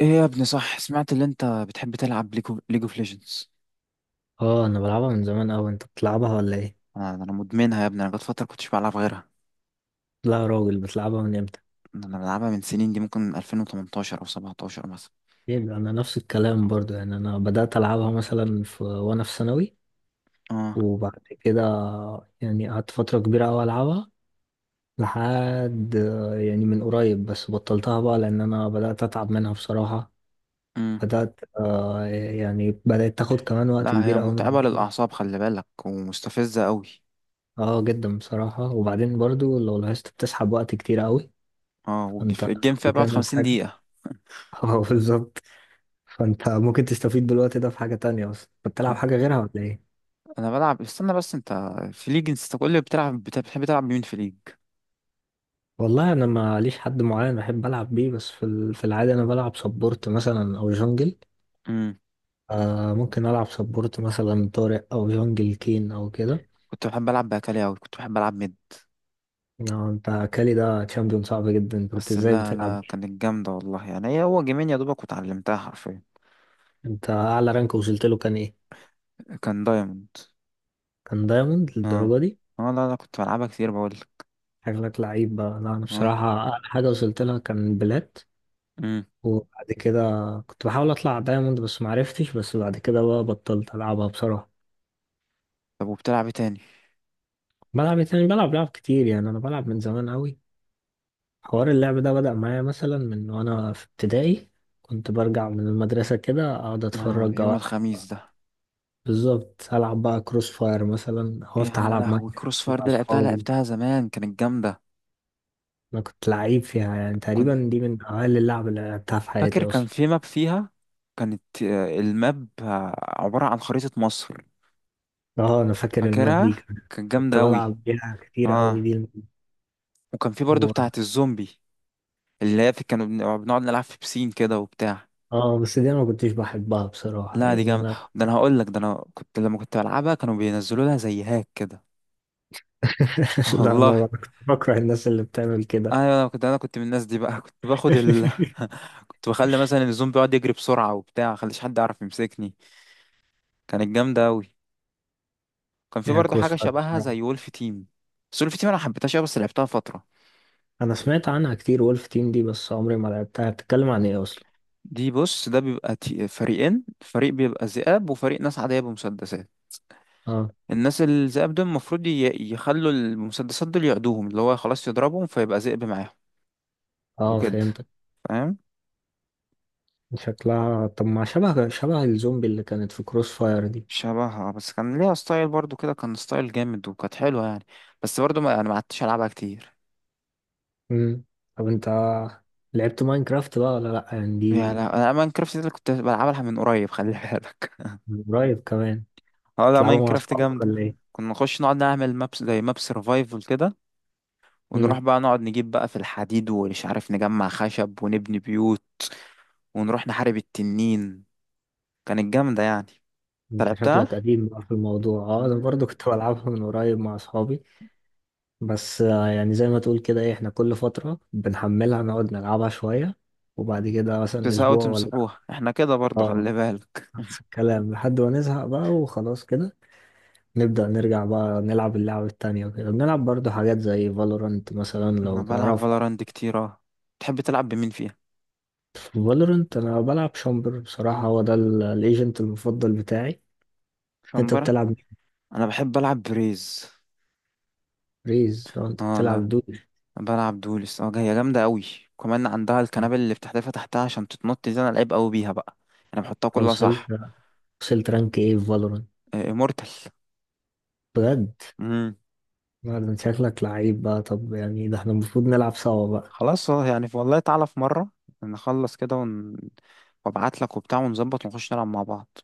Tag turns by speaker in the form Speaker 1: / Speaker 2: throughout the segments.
Speaker 1: ايه يا ابني، صح؟ سمعت اللي انت بتحب تلعب ليجو اوف ليجندز؟
Speaker 2: اه، انا بلعبها من زمان اوي. انت بتلعبها ولا ايه؟
Speaker 1: انا مدمنها يا ابني، انا جت فتره كنتش بلعب غيرها.
Speaker 2: لا يا راجل، بتلعبها من امتى؟
Speaker 1: انا بلعبها من سنين، دي ممكن 2018 او 17 مثلا.
Speaker 2: ايه ده، انا نفس الكلام برضو. يعني انا بدأت العبها مثلا وانا في ثانوي،
Speaker 1: اه.
Speaker 2: وبعد كده يعني قعدت فترة كبيرة اوي العبها لحد يعني من قريب، بس بطلتها بقى لان انا بدأت اتعب منها بصراحة.
Speaker 1: امم.
Speaker 2: بدأت آه يعني بدأت تاخد كمان وقت
Speaker 1: لا، هي
Speaker 2: كبير اوي من
Speaker 1: متعبه
Speaker 2: وقتي.
Speaker 1: للاعصاب، خلي بالك، ومستفزه قوي.
Speaker 2: اه جدا بصراحة، وبعدين برضو لو لاحظت بتسحب وقت كتير اوي.
Speaker 1: اه،
Speaker 2: فانت
Speaker 1: الجيم فيها بيقعد
Speaker 2: بتعمل
Speaker 1: 50
Speaker 2: حاجة؟
Speaker 1: دقيقه.
Speaker 2: اه بالظبط. فانت ممكن تستفيد بالوقت ده في حاجة تانية، بس انت بتلعب
Speaker 1: اه،
Speaker 2: حاجة غيرها ولا ايه؟
Speaker 1: انا بلعب، استنى بس انت. في ليج، انت كل اللي بتلعب، بتحب تلعب بمين في ليج؟
Speaker 2: والله انا ما ليش حد معين بحب العب بيه، بس في العادة انا بلعب سبورت مثلا او جونجل.
Speaker 1: امم.
Speaker 2: ممكن العب سبورت مثلا طارق او جونجل كين او كده.
Speaker 1: كنت بحب العب باكالي قوي، كنت بحب العب ميد.
Speaker 2: انت كالي ده تشامبيون صعب جدا، انت كنت
Speaker 1: بس
Speaker 2: ازاي
Speaker 1: لا
Speaker 2: بتلعب؟
Speaker 1: لا، كانت جامده والله، يعني هي هو جيمين يا دوبك وتعلمتها حرفيا.
Speaker 2: انت اعلى رانك وصلت له كان ايه؟
Speaker 1: كان دايموند.
Speaker 2: كان دايموند
Speaker 1: اه.
Speaker 2: للدرجة دي؟
Speaker 1: اه لا لا، كنت بلعبها كتير بقولك.
Speaker 2: شكلك لعيب بقى. لا، انا
Speaker 1: اه.
Speaker 2: بصراحة اعلى حاجة وصلت لها كان بلات،
Speaker 1: امم.
Speaker 2: وبعد كده كنت بحاول اطلع دايموند بس معرفتش، بس بعد كده بقى بطلت العبها بصراحة.
Speaker 1: طب، وبتلعب ايه تاني؟
Speaker 2: بلعب إيه تاني؟ بلعب لعب كتير، يعني انا بلعب من زمان قوي. حوار اللعب ده بدأ معايا مثلا من وانا في ابتدائي. كنت برجع من المدرسة كده اقعد
Speaker 1: اه،
Speaker 2: اتفرج او
Speaker 1: يوم
Speaker 2: ألعب.
Speaker 1: الخميس ده.
Speaker 2: بالظبط، العب بقى كروس فاير مثلا او افتح
Speaker 1: يا
Speaker 2: العب
Speaker 1: لهوي، كروس
Speaker 2: ماينكرافت
Speaker 1: فاير
Speaker 2: مع
Speaker 1: دي لعبتها
Speaker 2: اصحابي.
Speaker 1: لعبتها زمان، كانت جامدة.
Speaker 2: انا كنت لعيب فيها، يعني
Speaker 1: كنت
Speaker 2: تقريبا دي من اقل اللعب اللي لعبتها في حياتي
Speaker 1: فاكر كان
Speaker 2: اصلا.
Speaker 1: في ماب فيها. كانت الماب عبارة عن خريطة مصر.
Speaker 2: اه، انا فاكر الماب دي
Speaker 1: فاكرها
Speaker 2: كمان.
Speaker 1: كانت
Speaker 2: كنت
Speaker 1: جامدة أوي.
Speaker 2: بلعب بيها كتير قوي،
Speaker 1: اه.
Speaker 2: دي
Speaker 1: وكان في برضو
Speaker 2: و...
Speaker 1: بتاعة الزومبي. اللي هي بنقعد نلعب في بسين كده وبتاع.
Speaker 2: اه بس دي انا ما كنتش بحبها بصراحة.
Speaker 1: لا دي
Speaker 2: يعني
Speaker 1: جامدة،
Speaker 2: انا
Speaker 1: ده أنا هقولك، ده أنا كنت لما كنت بلعبها كانوا بينزلوا لها زي هاك كده.
Speaker 2: لا،
Speaker 1: والله.
Speaker 2: انا كنت بكره الناس اللي بتعمل كده.
Speaker 1: ايوه، انا كنت من الناس دي بقى. كنت باخد ال... كنت بخلي مثلا الزوم بيقعد يجري بسرعه وبتاع، خليش حد يعرف يمسكني. كانت جامده قوي. كان في
Speaker 2: هي
Speaker 1: برضه
Speaker 2: كروس
Speaker 1: حاجه
Speaker 2: فاير
Speaker 1: شبهها
Speaker 2: بصراحة.
Speaker 1: زي وولف تيم. بس وولف تيم انا حبيتهاش أوي، بس لعبتها فتره.
Speaker 2: أنا سمعت عنها كتير وولف تيم دي، بس عمري ما لعبتها، بتتكلم عن إيه أصلا؟
Speaker 1: دي بص، ده بيبقى فريقين، فريق بيبقى ذئاب، وفريق ناس عاديه بمسدسات.
Speaker 2: أه.
Speaker 1: الناس الذئاب دول المفروض يخلوا المسدسات دول يعدوهم، اللي هو خلاص يضربهم فيبقى ذئب معاهم،
Speaker 2: أه،
Speaker 1: وكده.
Speaker 2: فهمتك.
Speaker 1: فاهم.
Speaker 2: شكلها طب ما شبه شبه الزومبي اللي كانت في كروس فاير دي.
Speaker 1: شبهها، بس كان ليها ستايل برضو كده، كان ستايل جامد، وكانت حلوة يعني. بس برضو ما انا، ما عدتش العبها كتير.
Speaker 2: مم. طب أنت لعبت ماينكرافت بقى ولا لأ؟ يعني
Speaker 1: يا
Speaker 2: دي
Speaker 1: لا، انا ماينكرافت دي اللي كنت بلعبها من قريب خلي بالك.
Speaker 2: من قريب كمان.
Speaker 1: اه لا،
Speaker 2: تلعبها مع
Speaker 1: ماينكرافت
Speaker 2: أصحابك
Speaker 1: جامدة.
Speaker 2: ولا إيه؟
Speaker 1: كنا نخش نقعد نعمل مابس، زي ماب سرفايفل كده، ونروح
Speaker 2: مم.
Speaker 1: بقى نقعد نجيب بقى في الحديد، ومش عارف، نجمع خشب ونبني بيوت، ونروح نحارب التنين. كانت جامدة يعني. انت
Speaker 2: أنت شكلك
Speaker 1: لعبتها؟
Speaker 2: قديم بقى في الموضوع. أنا
Speaker 1: نعم.
Speaker 2: برضو كنت بلعبها من قريب مع أصحابي. بس يعني زي ما تقول كده، إيه، إحنا كل فترة بنحملها نقعد نلعبها شوية، وبعد كده مثلا
Speaker 1: بتزهقوا
Speaker 2: أسبوع ولا
Speaker 1: تمسحوها، احنا كده برضو
Speaker 2: اه
Speaker 1: خلي بالك.
Speaker 2: نفس الكلام، لحد ما نزهق بقى وخلاص كده. نبدأ نرجع بقى نلعب اللعبة التانية وكده، بنلعب برضو حاجات زي فالورانت مثلا،
Speaker 1: انا
Speaker 2: لو
Speaker 1: بلعب
Speaker 2: تعرفها.
Speaker 1: فالورانت كتير، اه. تحب تلعب بمين فيها؟
Speaker 2: فالورانت أنا بلعب شامبر بصراحة، هو ده الايجنت المفضل بتاعي. أنت
Speaker 1: شمبرة؟
Speaker 2: بتلعب
Speaker 1: انا بحب العب بريز.
Speaker 2: ريز أو أنت
Speaker 1: اه لا.
Speaker 2: بتلعب دوش؟
Speaker 1: بلعب دولس، اه، هي جامده قوي. كمان عندها
Speaker 2: أنت
Speaker 1: الكنابل اللي بتحدفها تحتها عشان تتنط، دي انا لعيب قوي بيها بقى. انا بحطها كلها
Speaker 2: وصلت
Speaker 1: صح.
Speaker 2: وصلت رانك إيه في فالورانت؟
Speaker 1: امورتال.
Speaker 2: بجد؟
Speaker 1: امم.
Speaker 2: لا، ده أنت شكلك لعيب بقى. طب يعني ده احنا المفروض نلعب سوا بقى.
Speaker 1: خلاص يعني والله تعالى في مره نخلص كده وابعت لك وبتاع ونظبط ونخش نلعب مع بعض.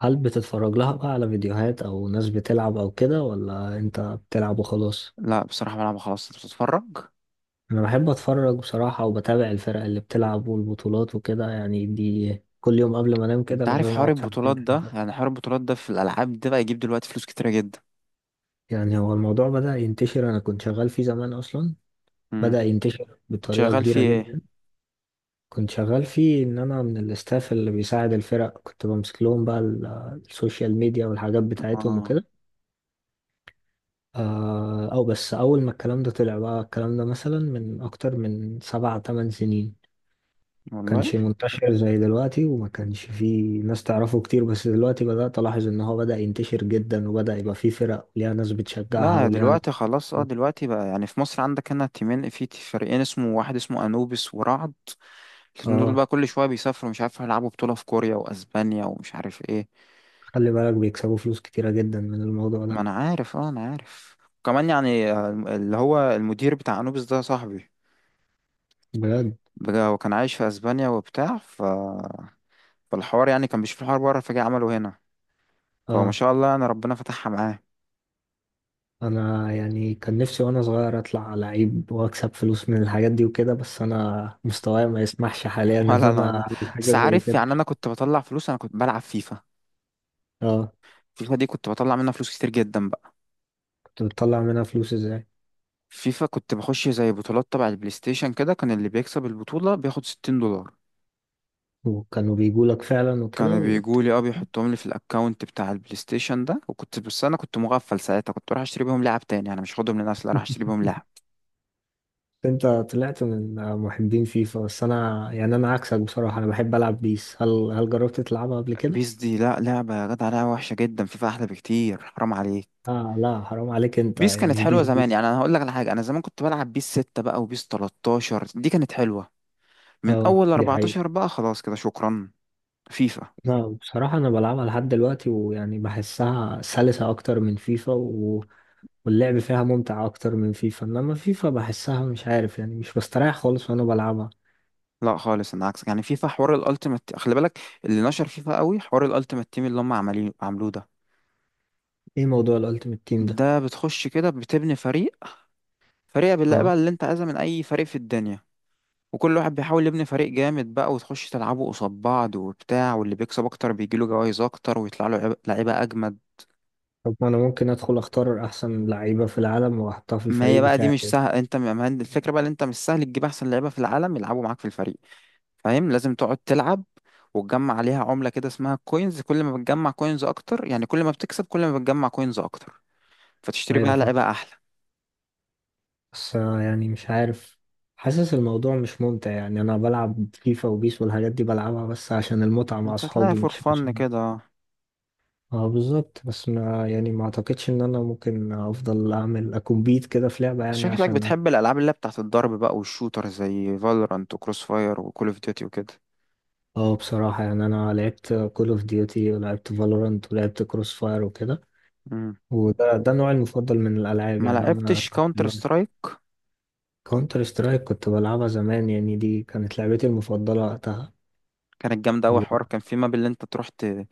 Speaker 2: هل بتتفرج لها بقى على فيديوهات أو ناس بتلعب أو كده، ولا أنت بتلعب وخلاص؟
Speaker 1: لا، بصراحه بلعب خلاص، انت بتتفرج؟
Speaker 2: انا بحب اتفرج بصراحة، وبتابع الفرق اللي بتلعب والبطولات وكده. يعني دي كل يوم قبل ما انام كده
Speaker 1: انت عارف
Speaker 2: لازم
Speaker 1: حوار
Speaker 2: اقعد ساعتين
Speaker 1: البطولات ده،
Speaker 2: 3.
Speaker 1: يعني حوار البطولات ده في الالعاب ده بقى يجيب دلوقتي فلوس كتيره جدا.
Speaker 2: يعني هو الموضوع بدأ ينتشر، انا كنت شغال فيه زمان اصلا.
Speaker 1: امم.
Speaker 2: بدأ ينتشر
Speaker 1: كنت
Speaker 2: بطريقة
Speaker 1: شغال
Speaker 2: كبيرة
Speaker 1: فيه
Speaker 2: جدا.
Speaker 1: ايه؟
Speaker 2: كنت شغال فيه ان انا من الاستاف اللي بيساعد الفرق، كنت بمسك لهم بقى السوشيال ميديا والحاجات بتاعتهم
Speaker 1: اه
Speaker 2: وكده. او بس اول ما الكلام ده طلع بقى، الكلام ده مثلا من اكتر من 7 8 سنين.
Speaker 1: والله.
Speaker 2: كانش منتشر زي دلوقتي، وما كانش فيه ناس تعرفه كتير، بس دلوقتي بدأت ألاحظ إن هو بدأ ينتشر جدا، وبدأ يبقى فيه فرق وليها ناس بتشجعها
Speaker 1: لا،
Speaker 2: وليها ناس.
Speaker 1: دلوقتي خلاص، اه دلوقتي بقى يعني في مصر عندك هنا تيمين، في فريقين، اسمه واحد، اسمه انوبيس ورعد. الاتنين دول
Speaker 2: اه،
Speaker 1: بقى كل شويه بيسافروا، مش عارف، هيلعبوا بطوله في كوريا واسبانيا ومش عارف ايه.
Speaker 2: خلي بالك بيكسبوا فلوس كتيرة جدا من الموضوع
Speaker 1: ما
Speaker 2: ده.
Speaker 1: انا عارف، اه انا عارف. كمان يعني اللي هو المدير بتاع انوبيس ده صاحبي.
Speaker 2: بجد؟
Speaker 1: بجد، هو كان عايش في اسبانيا وبتاع، فالحوار يعني كان بيشوف الحوار بره فجاه عمله هنا. فما
Speaker 2: اه،
Speaker 1: شاء الله، انا ربنا فتحها معاه.
Speaker 2: أنا يعني كان نفسي وأنا صغير أطلع لعيب وأكسب فلوس من الحاجات دي وكده، بس أنا مستواي ما يسمحش حاليا إن
Speaker 1: ولا انا
Speaker 2: أنا
Speaker 1: عمال-
Speaker 2: أعمل حاجة
Speaker 1: بس
Speaker 2: زي
Speaker 1: عارف
Speaker 2: كده.
Speaker 1: يعني، انا كنت بطلع فلوس، انا كنت بلعب فيفا.
Speaker 2: اه،
Speaker 1: فيفا دي كنت بطلع منها فلوس كتير جدا.
Speaker 2: كنت بتطلع منها فلوس إزاي؟
Speaker 1: فيفا كنت بخش زي بطولات تبع البلاي ستيشن كده، كان اللي بيكسب البطولة بياخد 60 دولار.
Speaker 2: وكانوا بيجولك فعلا وكده
Speaker 1: كانوا بيجولي اه، بيحطهم لي في الاكونت بتاع البلاي ستيشن ده، وكنت، بس انا كنت مغفل ساعتها، كنت بروح اشتري بيهم لعب تاني، انا مش هاخدهم لنفسي، لا راح اشتري بيهم لعب.
Speaker 2: انت طلعت من محبين فيفا، بس انا يعني انا عكسك بصراحة، انا بحب العب بيس. هل جربت تلعبها قبل كده؟
Speaker 1: بيس دي لا، لعبة يا جدع، لعبة وحشة جدا، فيفا احلى بكتير حرام عليك.
Speaker 2: اه لا، حرام عليك انت
Speaker 1: بيس كانت
Speaker 2: يعني
Speaker 1: حلوة
Speaker 2: بيس دي.
Speaker 1: زمان يعني، انا هقول لك على حاجة، انا زمان كنت بلعب بيس 6 بقى وبيس 13، دي كانت حلوة. من
Speaker 2: اه
Speaker 1: اول
Speaker 2: دي حقيقة.
Speaker 1: 14 بقى خلاص كده شكرا. فيفا.
Speaker 2: لا بصراحة انا بلعبها لحد دلوقتي، ويعني بحسها سلسة اكتر من فيفا واللعب فيها ممتع اكتر من فيفا، انما فيفا بحسها مش عارف، يعني مش بستريح خالص وانا بلعبها.
Speaker 1: لا خالص، انا عكسك يعني، فيفا حوار الالتيمت خلي بالك. اللي نشر فيفا قوي حوار الالتيمت تيم اللي هم عمالين عملوه ده.
Speaker 2: ايه موضوع الالتيميت تيم ده؟
Speaker 1: ده بتخش كده بتبني فريق، فريق باللعيبه
Speaker 2: اه.
Speaker 1: اللي انت عايزها من اي فريق في الدنيا. وكل واحد بيحاول يبني فريق جامد بقى، وتخش تلعبوا قصاد بعض وبتاع، واللي بيكسب اكتر بيجيله جوائز اكتر ويطلع له لعيبه اجمد.
Speaker 2: طب ما انا ممكن ادخل اختار احسن لعيبة في العالم واحطها في
Speaker 1: ما هي
Speaker 2: الفريق
Speaker 1: بقى دي
Speaker 2: بتاعي؟
Speaker 1: مش سهل، انت هي الفكره بقى، ان انت مش سهل تجيب احسن لعيبه في العالم يلعبوا معاك في الفريق. فاهم، لازم تقعد تلعب، وتجمع عليها عملة كده اسمها كوينز، كل ما بتجمع كوينز اكتر، يعني كل ما بتكسب، كل ما بتجمع كوينز اكتر فتشتري
Speaker 2: ايوه،
Speaker 1: بقى لعيبة احلى.
Speaker 2: بس يعني مش عارف، حاسس الموضوع مش ممتع. يعني انا بلعب فيفا وبيس والحاجات دي بلعبها بس عشان المتعة مع
Speaker 1: انت هتلاقي
Speaker 2: اصحابي
Speaker 1: فور
Speaker 2: مش
Speaker 1: فن
Speaker 2: عشان.
Speaker 1: كده.
Speaker 2: اه بالظبط، بس ما يعني ما اعتقدش ان انا ممكن افضل اعمل اكمبيت كده في لعبة،
Speaker 1: انت
Speaker 2: يعني
Speaker 1: شكلك
Speaker 2: عشان.
Speaker 1: بتحب الالعاب اللي هي بتاعت الضرب بقى والشوتر، زي فالورانت وكروس فاير وكول اوف ديوتي وكده.
Speaker 2: اه بصراحة يعني انا لعبت كول اوف ديوتي ولعبت فالورانت ولعبت كروس فاير وكده.
Speaker 1: مم.
Speaker 2: وده نوعي المفضل من الالعاب،
Speaker 1: ما
Speaker 2: يعني انا.
Speaker 1: لعبتش كاونتر سترايك.
Speaker 2: كونتر سترايك كنت بلعبها زمان، يعني دي كانت لعبتي المفضلة وقتها.
Speaker 1: كانت جامدة أوي، حوار، كان في ماب اللي أنت تروح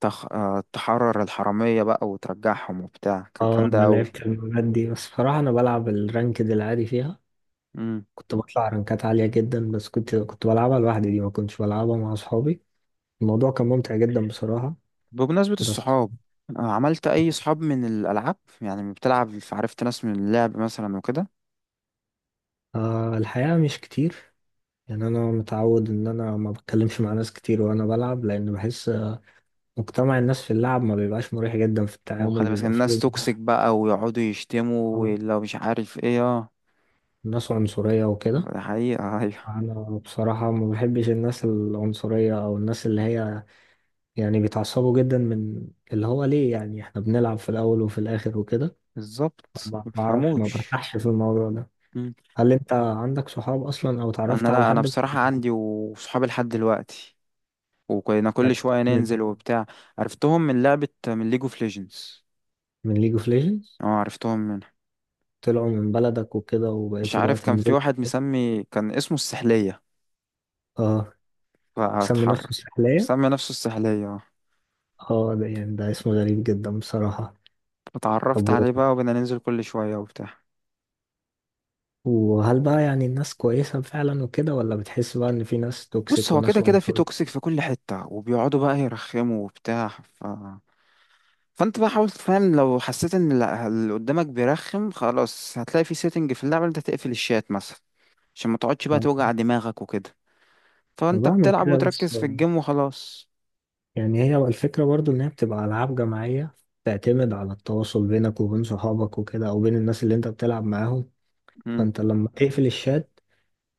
Speaker 1: تخ... آه، تحرر الحرامية بقى وترجعهم وبتاع، كانت
Speaker 2: اه،
Speaker 1: جامدة
Speaker 2: انا
Speaker 1: أوي.
Speaker 2: لعبت المبات دي، بس بصراحة انا بلعب الرانكد العادي فيها. كنت بطلع رانكات عالية جدا، بس كنت بلعبها لوحدي، دي ما كنتش بلعبها مع اصحابي. الموضوع كان ممتع جدا بصراحة.
Speaker 1: بمناسبة
Speaker 2: بس
Speaker 1: الصحاب، عملت أي صحاب من الألعاب؟ يعني بتلعب عرفت ناس من اللعب مثلا وكده.
Speaker 2: الحقيقة مش كتير. يعني انا متعود ان انا ما بتكلمش مع ناس كتير وانا بلعب، لان بحس مجتمع الناس في اللعب ما بيبقاش مريح جدا في التعامل،
Speaker 1: وخلي بالك
Speaker 2: بيبقى
Speaker 1: الناس
Speaker 2: فيه
Speaker 1: توكسيك بقى، ويقعدوا يشتموا
Speaker 2: آه،
Speaker 1: ولو مش عارف ايه، اه.
Speaker 2: ناس عنصرية وكده.
Speaker 1: ده حقيقة. أيوه.
Speaker 2: فانا بصراحة ما بحبش الناس العنصرية او الناس اللي هي يعني بيتعصبوا جدا من اللي هو ليه، يعني احنا بنلعب في الاول وفي الاخر وكده.
Speaker 1: بالظبط،
Speaker 2: ما بعرفش، ما
Speaker 1: مبيفهموش.
Speaker 2: برتاحش في الموضوع ده.
Speaker 1: مم.
Speaker 2: هل انت عندك صحاب اصلا او
Speaker 1: أنا
Speaker 2: اتعرفت على
Speaker 1: لأ، أنا
Speaker 2: حد؟
Speaker 1: بصراحة عندي وصحابي لحد دلوقتي، وكنا كل
Speaker 2: عرفت
Speaker 1: شوية
Speaker 2: من
Speaker 1: ننزل وبتاع. عرفتهم من لعبة، من ليج اوف ليجندز.
Speaker 2: من ليج اوف ليجندز.
Speaker 1: اه، عرفتهم منها.
Speaker 2: طلعوا من بلدك وكده
Speaker 1: مش
Speaker 2: وبقيتوا بقى
Speaker 1: عارف، كان في
Speaker 2: تنزلوا؟
Speaker 1: واحد مسمي، كان اسمه السحلية.
Speaker 2: اه، مسمي نفسه
Speaker 1: فاتحر.
Speaker 2: سحلية.
Speaker 1: مسمي نفسه السحلية.
Speaker 2: اه، ده يعني ده اسم غريب جدا بصراحة. طب
Speaker 1: اتعرفت عليه بقى، وبدنا ننزل كل شوية وبتاع.
Speaker 2: وهل بقى يعني الناس كويسة فعلا وكده، ولا بتحس بقى ان في ناس
Speaker 1: بص،
Speaker 2: توكسيك
Speaker 1: هو كده
Speaker 2: وناس
Speaker 1: كده في
Speaker 2: عنصرية؟
Speaker 1: توكسيك في كل حتة، وبيقعدوا بقى يرخموا وبتاع، فانت بقى حاول تفهم، لو حسيت ان اللي قدامك بيرخم خلاص، هتلاقي في سيتنج في اللعبة إن انت تقفل الشات مثلا، عشان ما تقعدش بقى
Speaker 2: ما
Speaker 1: توجع دماغك وكده. فانت
Speaker 2: بعمل
Speaker 1: بتلعب
Speaker 2: كده، بس
Speaker 1: وتركز في الجيم وخلاص.
Speaker 2: يعني هي الفكرة برضو إن هي بتبقى ألعاب جماعية، تعتمد على التواصل بينك وبين صحابك وكده، أو بين الناس اللي أنت بتلعب معاهم.
Speaker 1: امم.
Speaker 2: فأنت لما تقفل الشات،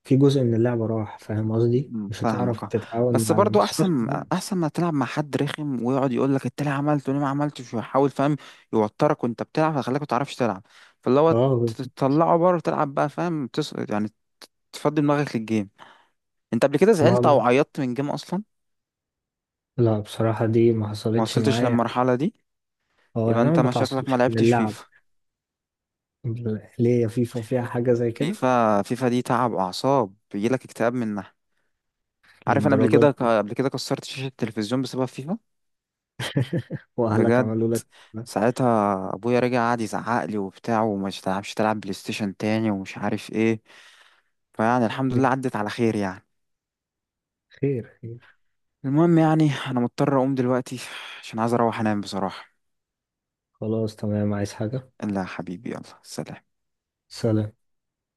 Speaker 2: في جزء من اللعبة راح، فاهم قصدي؟
Speaker 1: مم،
Speaker 2: مش هتعرف
Speaker 1: فاهمك اه.
Speaker 2: تتعاون
Speaker 1: بس
Speaker 2: مع
Speaker 1: برضو
Speaker 2: بس في نفس
Speaker 1: احسن،
Speaker 2: الوقت.
Speaker 1: احسن ما تلعب مع حد رخم ويقعد يقول لك انت ليه عملت وليه ما عملتش، ويحاول فاهم، يوترك وانت بتلعب فيخليك ما تعرفش تلعب، فاللي هو
Speaker 2: اه
Speaker 1: تطلعه بره تلعب بقى، فاهم يعني تفضي دماغك للجيم. انت قبل كده زعلت
Speaker 2: ما
Speaker 1: او عيطت من جيم اصلا؟
Speaker 2: لا بصراحة دي ما
Speaker 1: ما
Speaker 2: حصلتش
Speaker 1: وصلتش
Speaker 2: معايا.
Speaker 1: للمرحله دي.
Speaker 2: اه
Speaker 1: يبقى
Speaker 2: يعني أنا
Speaker 1: انت
Speaker 2: ما
Speaker 1: مشاكلك ما
Speaker 2: بتعصبش من
Speaker 1: لعبتش
Speaker 2: اللعب.
Speaker 1: فيفا.
Speaker 2: ليه؟ يا فيفا فيها حاجة زي كده؟
Speaker 1: فيفا، فيفا دي تعب اعصاب، بيجيلك اكتئاب منها. عارف، انا قبل
Speaker 2: للدرجة
Speaker 1: كده،
Speaker 2: دي؟
Speaker 1: قبل كده كسرت شاشه التلفزيون بسبب فيفا.
Speaker 2: وأهلك
Speaker 1: بجد،
Speaker 2: عملوا لك كده؟
Speaker 1: ساعتها ابويا رجع قعد يزعق لي وبتاع، وما تلعبش تلعب بلاي ستيشن تاني ومش عارف ايه، فيعني الحمد لله عدت على خير يعني.
Speaker 2: خير خير.
Speaker 1: المهم يعني، انا مضطر اقوم دلوقتي عشان عايز اروح انام بصراحة.
Speaker 2: خلاص تمام، عايز حاجة؟
Speaker 1: لا يا حبيبي، يلا سلام.
Speaker 2: سلام.